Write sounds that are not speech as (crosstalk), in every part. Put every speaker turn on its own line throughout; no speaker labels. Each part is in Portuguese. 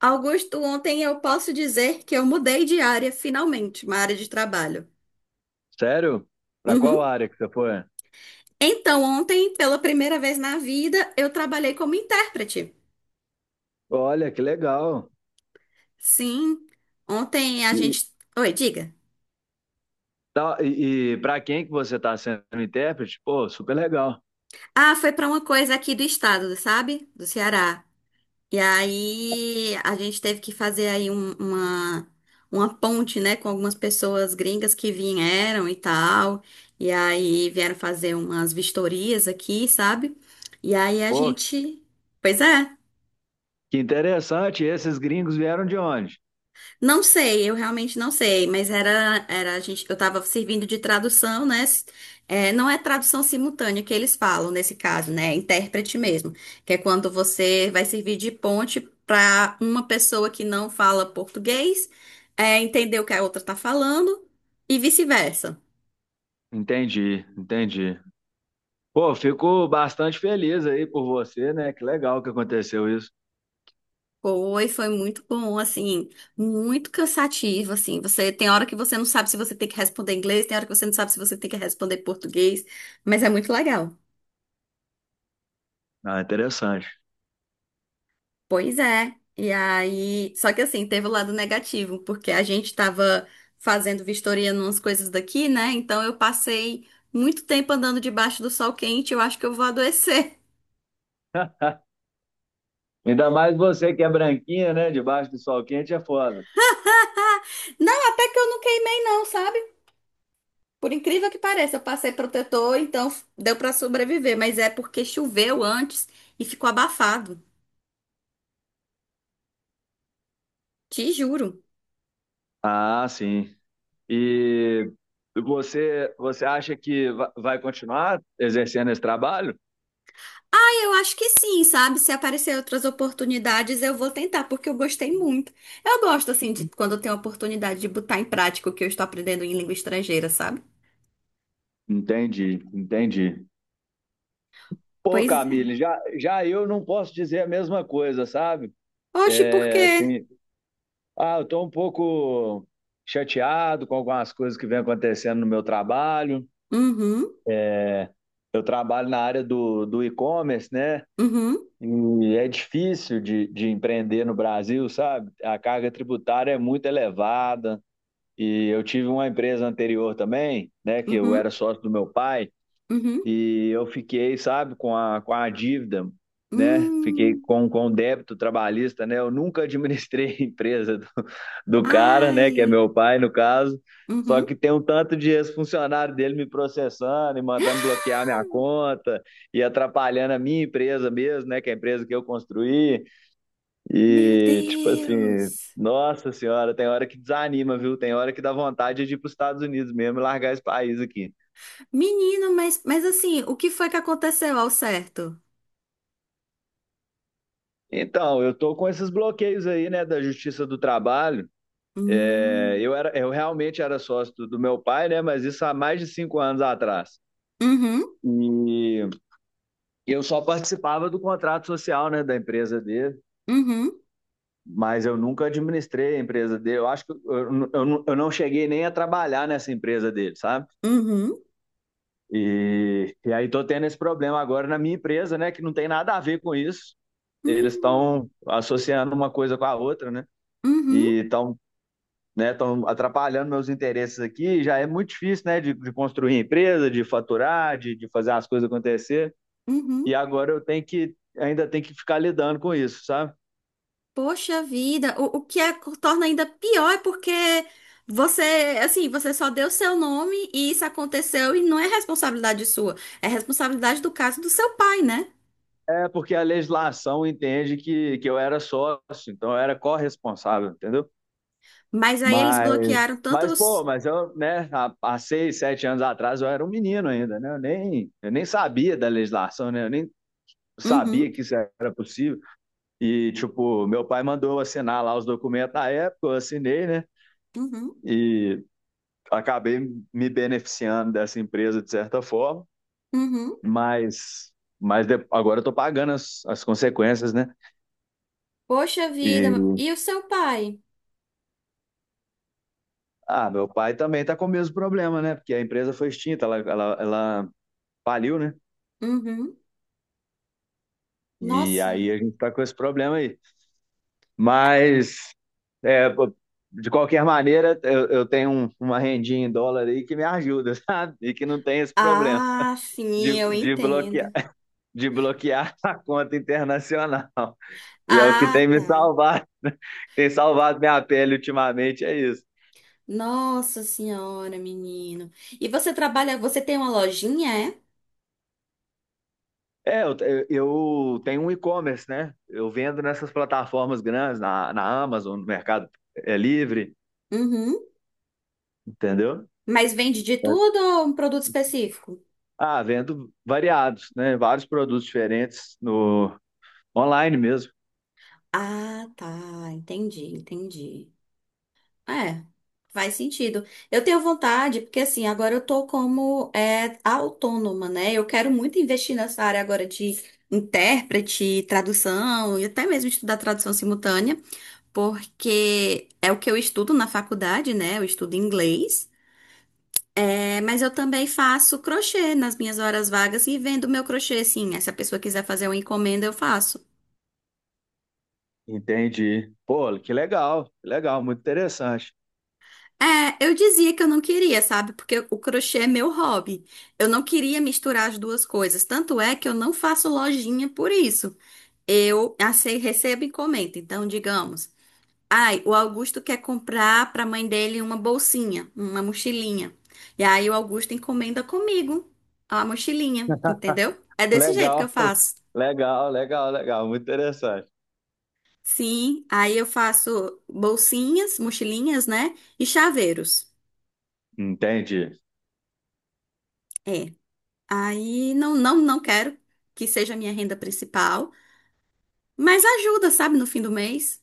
Augusto, ontem eu posso dizer que eu mudei de área, finalmente, uma área de trabalho.
Sério? Pra qual
Uhum.
área que você foi?
Então, ontem, pela primeira vez na vida, eu trabalhei como intérprete.
Olha, que legal.
Sim, ontem a
E,
gente. Oi, diga.
tá, e para quem que você tá sendo intérprete? Pô, super legal.
Ah, foi para uma coisa aqui do estado, sabe? Do Ceará. E aí a gente teve que fazer aí um- uma ponte, né, com algumas pessoas gringas que vieram e tal. E aí vieram fazer umas vistorias aqui, sabe? E aí a
Pô,
gente. Pois é.
que interessante. Esses gringos vieram de onde?
Não sei, eu realmente não sei, mas era a gente, eu estava servindo de tradução, né? S- é, não é tradução simultânea que eles falam nesse caso, né? É intérprete mesmo, que é quando você vai servir de ponte para uma pessoa que não fala português, é, entender o que a outra está falando e vice-versa.
Entendi, entendi. Pô, fico bastante feliz aí por você, né? Que legal que aconteceu isso.
Foi muito bom, assim, muito cansativo, assim. Você tem hora que você não sabe se você tem que responder inglês, tem hora que você não sabe se você tem que responder português, mas é muito legal.
Ah, interessante.
Pois é. E aí, só que assim, teve o lado negativo, porque a gente tava fazendo vistoria numas coisas daqui, né? Então eu passei muito tempo andando debaixo do sol quente, eu acho que eu vou adoecer.
(laughs) Ainda mais você que é branquinha, né? Debaixo do sol quente é foda.
(laughs) Não, até que eu não queimei não, sabe? Por incrível que pareça, eu passei protetor, então deu pra sobreviver, mas é porque choveu antes e ficou abafado. Te juro.
Ah, sim. E você acha que vai continuar exercendo esse trabalho?
Eu acho que sim, sabe? Se aparecer outras oportunidades, eu vou tentar, porque eu gostei muito. Eu gosto, assim, de quando eu tenho a oportunidade de botar em prática o que eu estou aprendendo em língua estrangeira, sabe?
Entendi, entendi. Pô,
Pois é.
Camille, já eu não posso dizer a mesma coisa, sabe?
Oxe, por
É,
quê?
assim, ah, eu tô um pouco chateado com algumas coisas que vem acontecendo no meu trabalho.
Uhum,
Eu trabalho na área do e-commerce, né?
uhum,
E é difícil de empreender no Brasil, sabe? A carga tributária é muito elevada. E eu tive uma empresa anterior também, né, que eu
uhum,
era sócio do meu pai,
uhum,
e eu fiquei, sabe, com a dívida, né, fiquei
hum.
com o débito trabalhista, né, eu nunca (laughs) administrei a empresa do cara, né, que é
Ai,
meu pai no caso, só
uhum.
que tem um tanto de ex-funcionário dele me processando e mandando bloquear minha
(gasps)
conta e atrapalhando a minha empresa mesmo, né, que é a empresa que eu construí.
Meu
E, tipo assim,
Deus!
nossa senhora, tem hora que desanima, viu? Tem hora que dá vontade de ir para os Estados Unidos mesmo e largar esse país aqui.
Menino, mas assim, o que foi que aconteceu ao certo?
Então, eu tô com esses bloqueios aí, né, da Justiça do Trabalho. É,
Hum.
eu era, eu realmente era sócio do meu pai, né, mas isso há mais de 5 anos atrás.
Uhum,
E eu só participava do contrato social, né, da empresa dele,
uhum,
mas eu nunca administrei a empresa dele. Eu acho que eu não cheguei nem a trabalhar nessa empresa dele, sabe?
uhum,
E aí tô tendo esse problema agora na minha empresa, né? Que não tem nada a ver com isso. Eles
uhum,
estão associando uma coisa com a outra, né?
uhum,
E estão, né, estão atrapalhando meus interesses aqui. Já é muito difícil, né? De construir empresa, de faturar, de fazer as coisas acontecer. E
uhum.
agora eu tenho que ainda tem que ficar lidando com isso, sabe?
Poxa vida, o que é, torna ainda pior é porque você, assim, você só deu seu nome e isso aconteceu e não é responsabilidade sua, é responsabilidade do caso do seu pai, né?
É porque a legislação entende que eu era sócio, então eu era corresponsável, entendeu?
Mas aí eles
Mas
bloquearam tanto
Mas, pô,
os...
mas eu, né, há 6, 7 anos atrás eu era um menino ainda, né? Eu nem sabia da legislação, né? Eu nem
Uhum,
sabia que isso era possível. E, tipo, meu pai mandou eu assinar lá os documentos na época, eu assinei, né?
uhum,
E acabei me beneficiando dessa empresa de certa forma,
uhum.
mas, agora eu tô pagando as consequências, né?
Poxa vida,
E,
e o seu pai?
ah, meu pai também tá com o mesmo problema, né? Porque a empresa foi extinta, ela faliu, né?
Uhum.
E
Nossa.
aí a gente tá com esse problema aí. Mas, é, pô, de qualquer maneira, eu tenho uma rendinha em dólar aí que me ajuda, (laughs) sabe? E que não tem esse problema
Ah,
de,
sim, eu
de bloquear,
entendo.
de bloquear (laughs) a conta internacional. E é o que tem
Ah,
me
tá.
salvado, (laughs) tem salvado minha pele ultimamente, é isso.
Nossa senhora, menino. E você trabalha, você tem uma lojinha, é?
É, eu tenho um e-commerce, né? Eu vendo nessas plataformas grandes, na Amazon, no Mercado Livre,
Uhum.
entendeu?
Mas vende de
É,
tudo ou um produto específico?
ah, vendo variados, né? Vários produtos diferentes no, online mesmo.
Ah, tá. Entendi, entendi. É, faz sentido. Eu tenho vontade, porque assim, agora eu tô como é, autônoma, né? Eu quero muito investir nessa área agora de intérprete, tradução, e até mesmo estudar tradução simultânea, porque é o que eu estudo na faculdade, né? Eu estudo inglês. É, mas eu também faço crochê nas minhas horas vagas e vendo meu crochê, sim. Se a pessoa quiser fazer uma encomenda, eu faço.
Entendi. Pô, que legal, muito interessante.
É, eu dizia que eu não queria, sabe? Porque o crochê é meu hobby. Eu não queria misturar as duas coisas. Tanto é que eu não faço lojinha por isso. Eu ace- recebo encomenda. Então, digamos, ai, o Augusto quer comprar para a mãe dele uma bolsinha, uma mochilinha. E aí o Augusto encomenda comigo a mochilinha, entendeu? É desse jeito que eu
Legal, (laughs)
faço.
legal, legal, legal, muito interessante.
Sim, aí eu faço bolsinhas, mochilinhas, né? E chaveiros.
Entendi.
É. Aí não quero que seja a minha renda principal, mas ajuda, sabe, no fim do mês.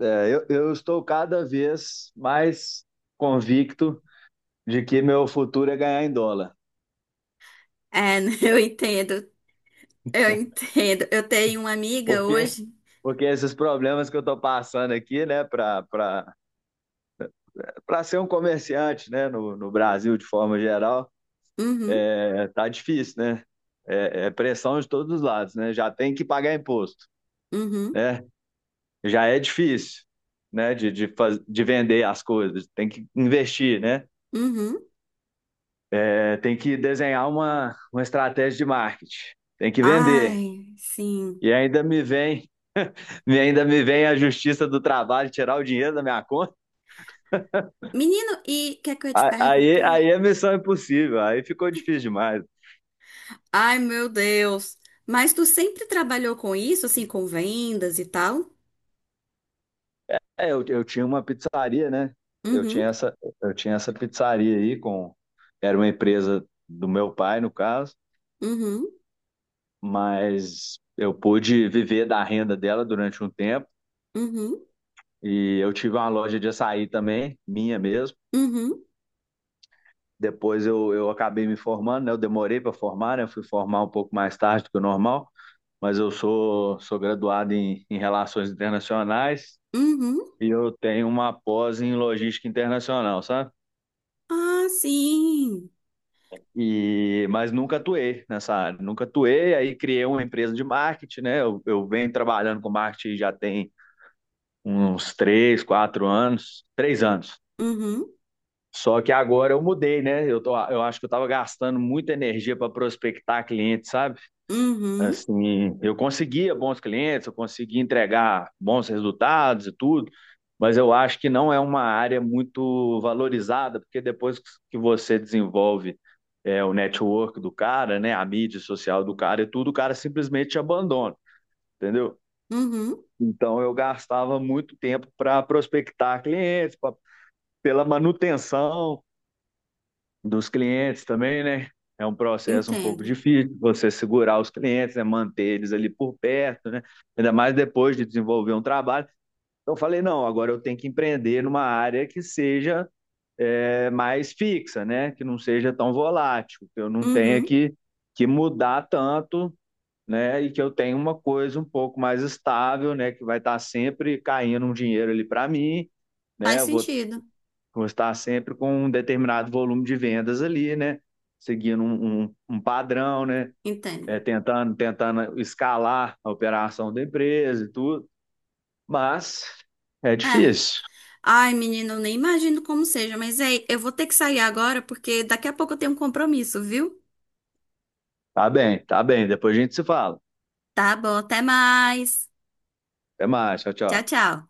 É, eu estou cada vez mais convicto de que meu futuro é ganhar em dólar.
É, (laughs) eu entendo, eu entendo. Eu tenho uma amiga
Por quê?
hoje.
Porque esses problemas que eu estou passando aqui, né, para ser um comerciante, né, no Brasil de forma geral,
Uhum,
é, tá difícil, né? É, é pressão de todos os lados, né? Já tem que pagar imposto,
uhum,
né? Já é difícil, né, de vender as coisas, tem que investir, né?
uhum.
É, tem que desenhar uma estratégia de marketing, tem que vender.
Ai, sim.
E ainda me vem, (laughs) e ainda me vem a justiça do trabalho tirar o dinheiro da minha conta.
Menino, e o que é que eu ia te
A- Aí,
perguntar?
aí é missão é impossível, aí ficou difícil demais.
Ai, meu Deus. Mas tu sempre trabalhou com isso, assim, com vendas e tal?
É, eu tinha uma pizzaria, né? Eu
Uhum,
tinha essa, eu tinha essa pizzaria aí com, era uma empresa do meu pai, no caso,
uhum,
mas eu pude viver da renda dela durante um tempo.
uhum,
E eu tive uma loja de açaí também, minha mesmo.
uhum,
Depois eu acabei me formando, né? Eu demorei para formar, né? Eu fui formar um pouco mais tarde do que o normal, mas eu sou graduado em Relações Internacionais
uhum.
e eu tenho uma pós em Logística Internacional, sabe?
Ah, sim.
E, mas nunca atuei nessa área, nunca atuei, aí criei uma empresa de marketing, né? Eu venho trabalhando com marketing já tem uns 3, 4 anos, 3 anos.
Uhum,
Só que agora eu mudei, né? Eu acho que eu estava gastando muita energia para prospectar clientes, sabe?
uhum,
Assim, eu conseguia bons clientes, eu conseguia entregar bons resultados e tudo, mas eu acho que não é uma área muito valorizada, porque depois que você desenvolve o network do cara, né, a mídia social do cara e tudo, o cara simplesmente te abandona, entendeu?
uhum.
Então eu gastava muito tempo para prospectar clientes, pela manutenção dos clientes também, né? É um processo um pouco
Entendo.
difícil você segurar os clientes, né? Manter eles ali por perto, né? Ainda mais depois de desenvolver um trabalho. Então, eu falei, não, agora eu tenho que empreender numa área que seja mais fixa, né? Que não seja tão volátil, que eu não tenha
Uhum.
que, mudar tanto, né? E que eu tenha uma coisa um pouco mais estável, né? Que vai estar sempre caindo um dinheiro ali para mim, né?
Faz
Eu vou
sentido.
vou estar sempre com um determinado volume de vendas ali, né? Seguindo um padrão, né?
Entendo.
É, tentando, tentando escalar a operação da empresa e tudo. Mas é
É.
difícil.
Ai, menina, eu nem imagino como seja, mas ei, eu vou ter que sair agora porque daqui a pouco eu tenho um compromisso, viu?
Tá bem, tá bem. Depois a gente se fala.
Tá bom, até mais.
Até mais. Tchau,
Tchau,
tchau.
tchau.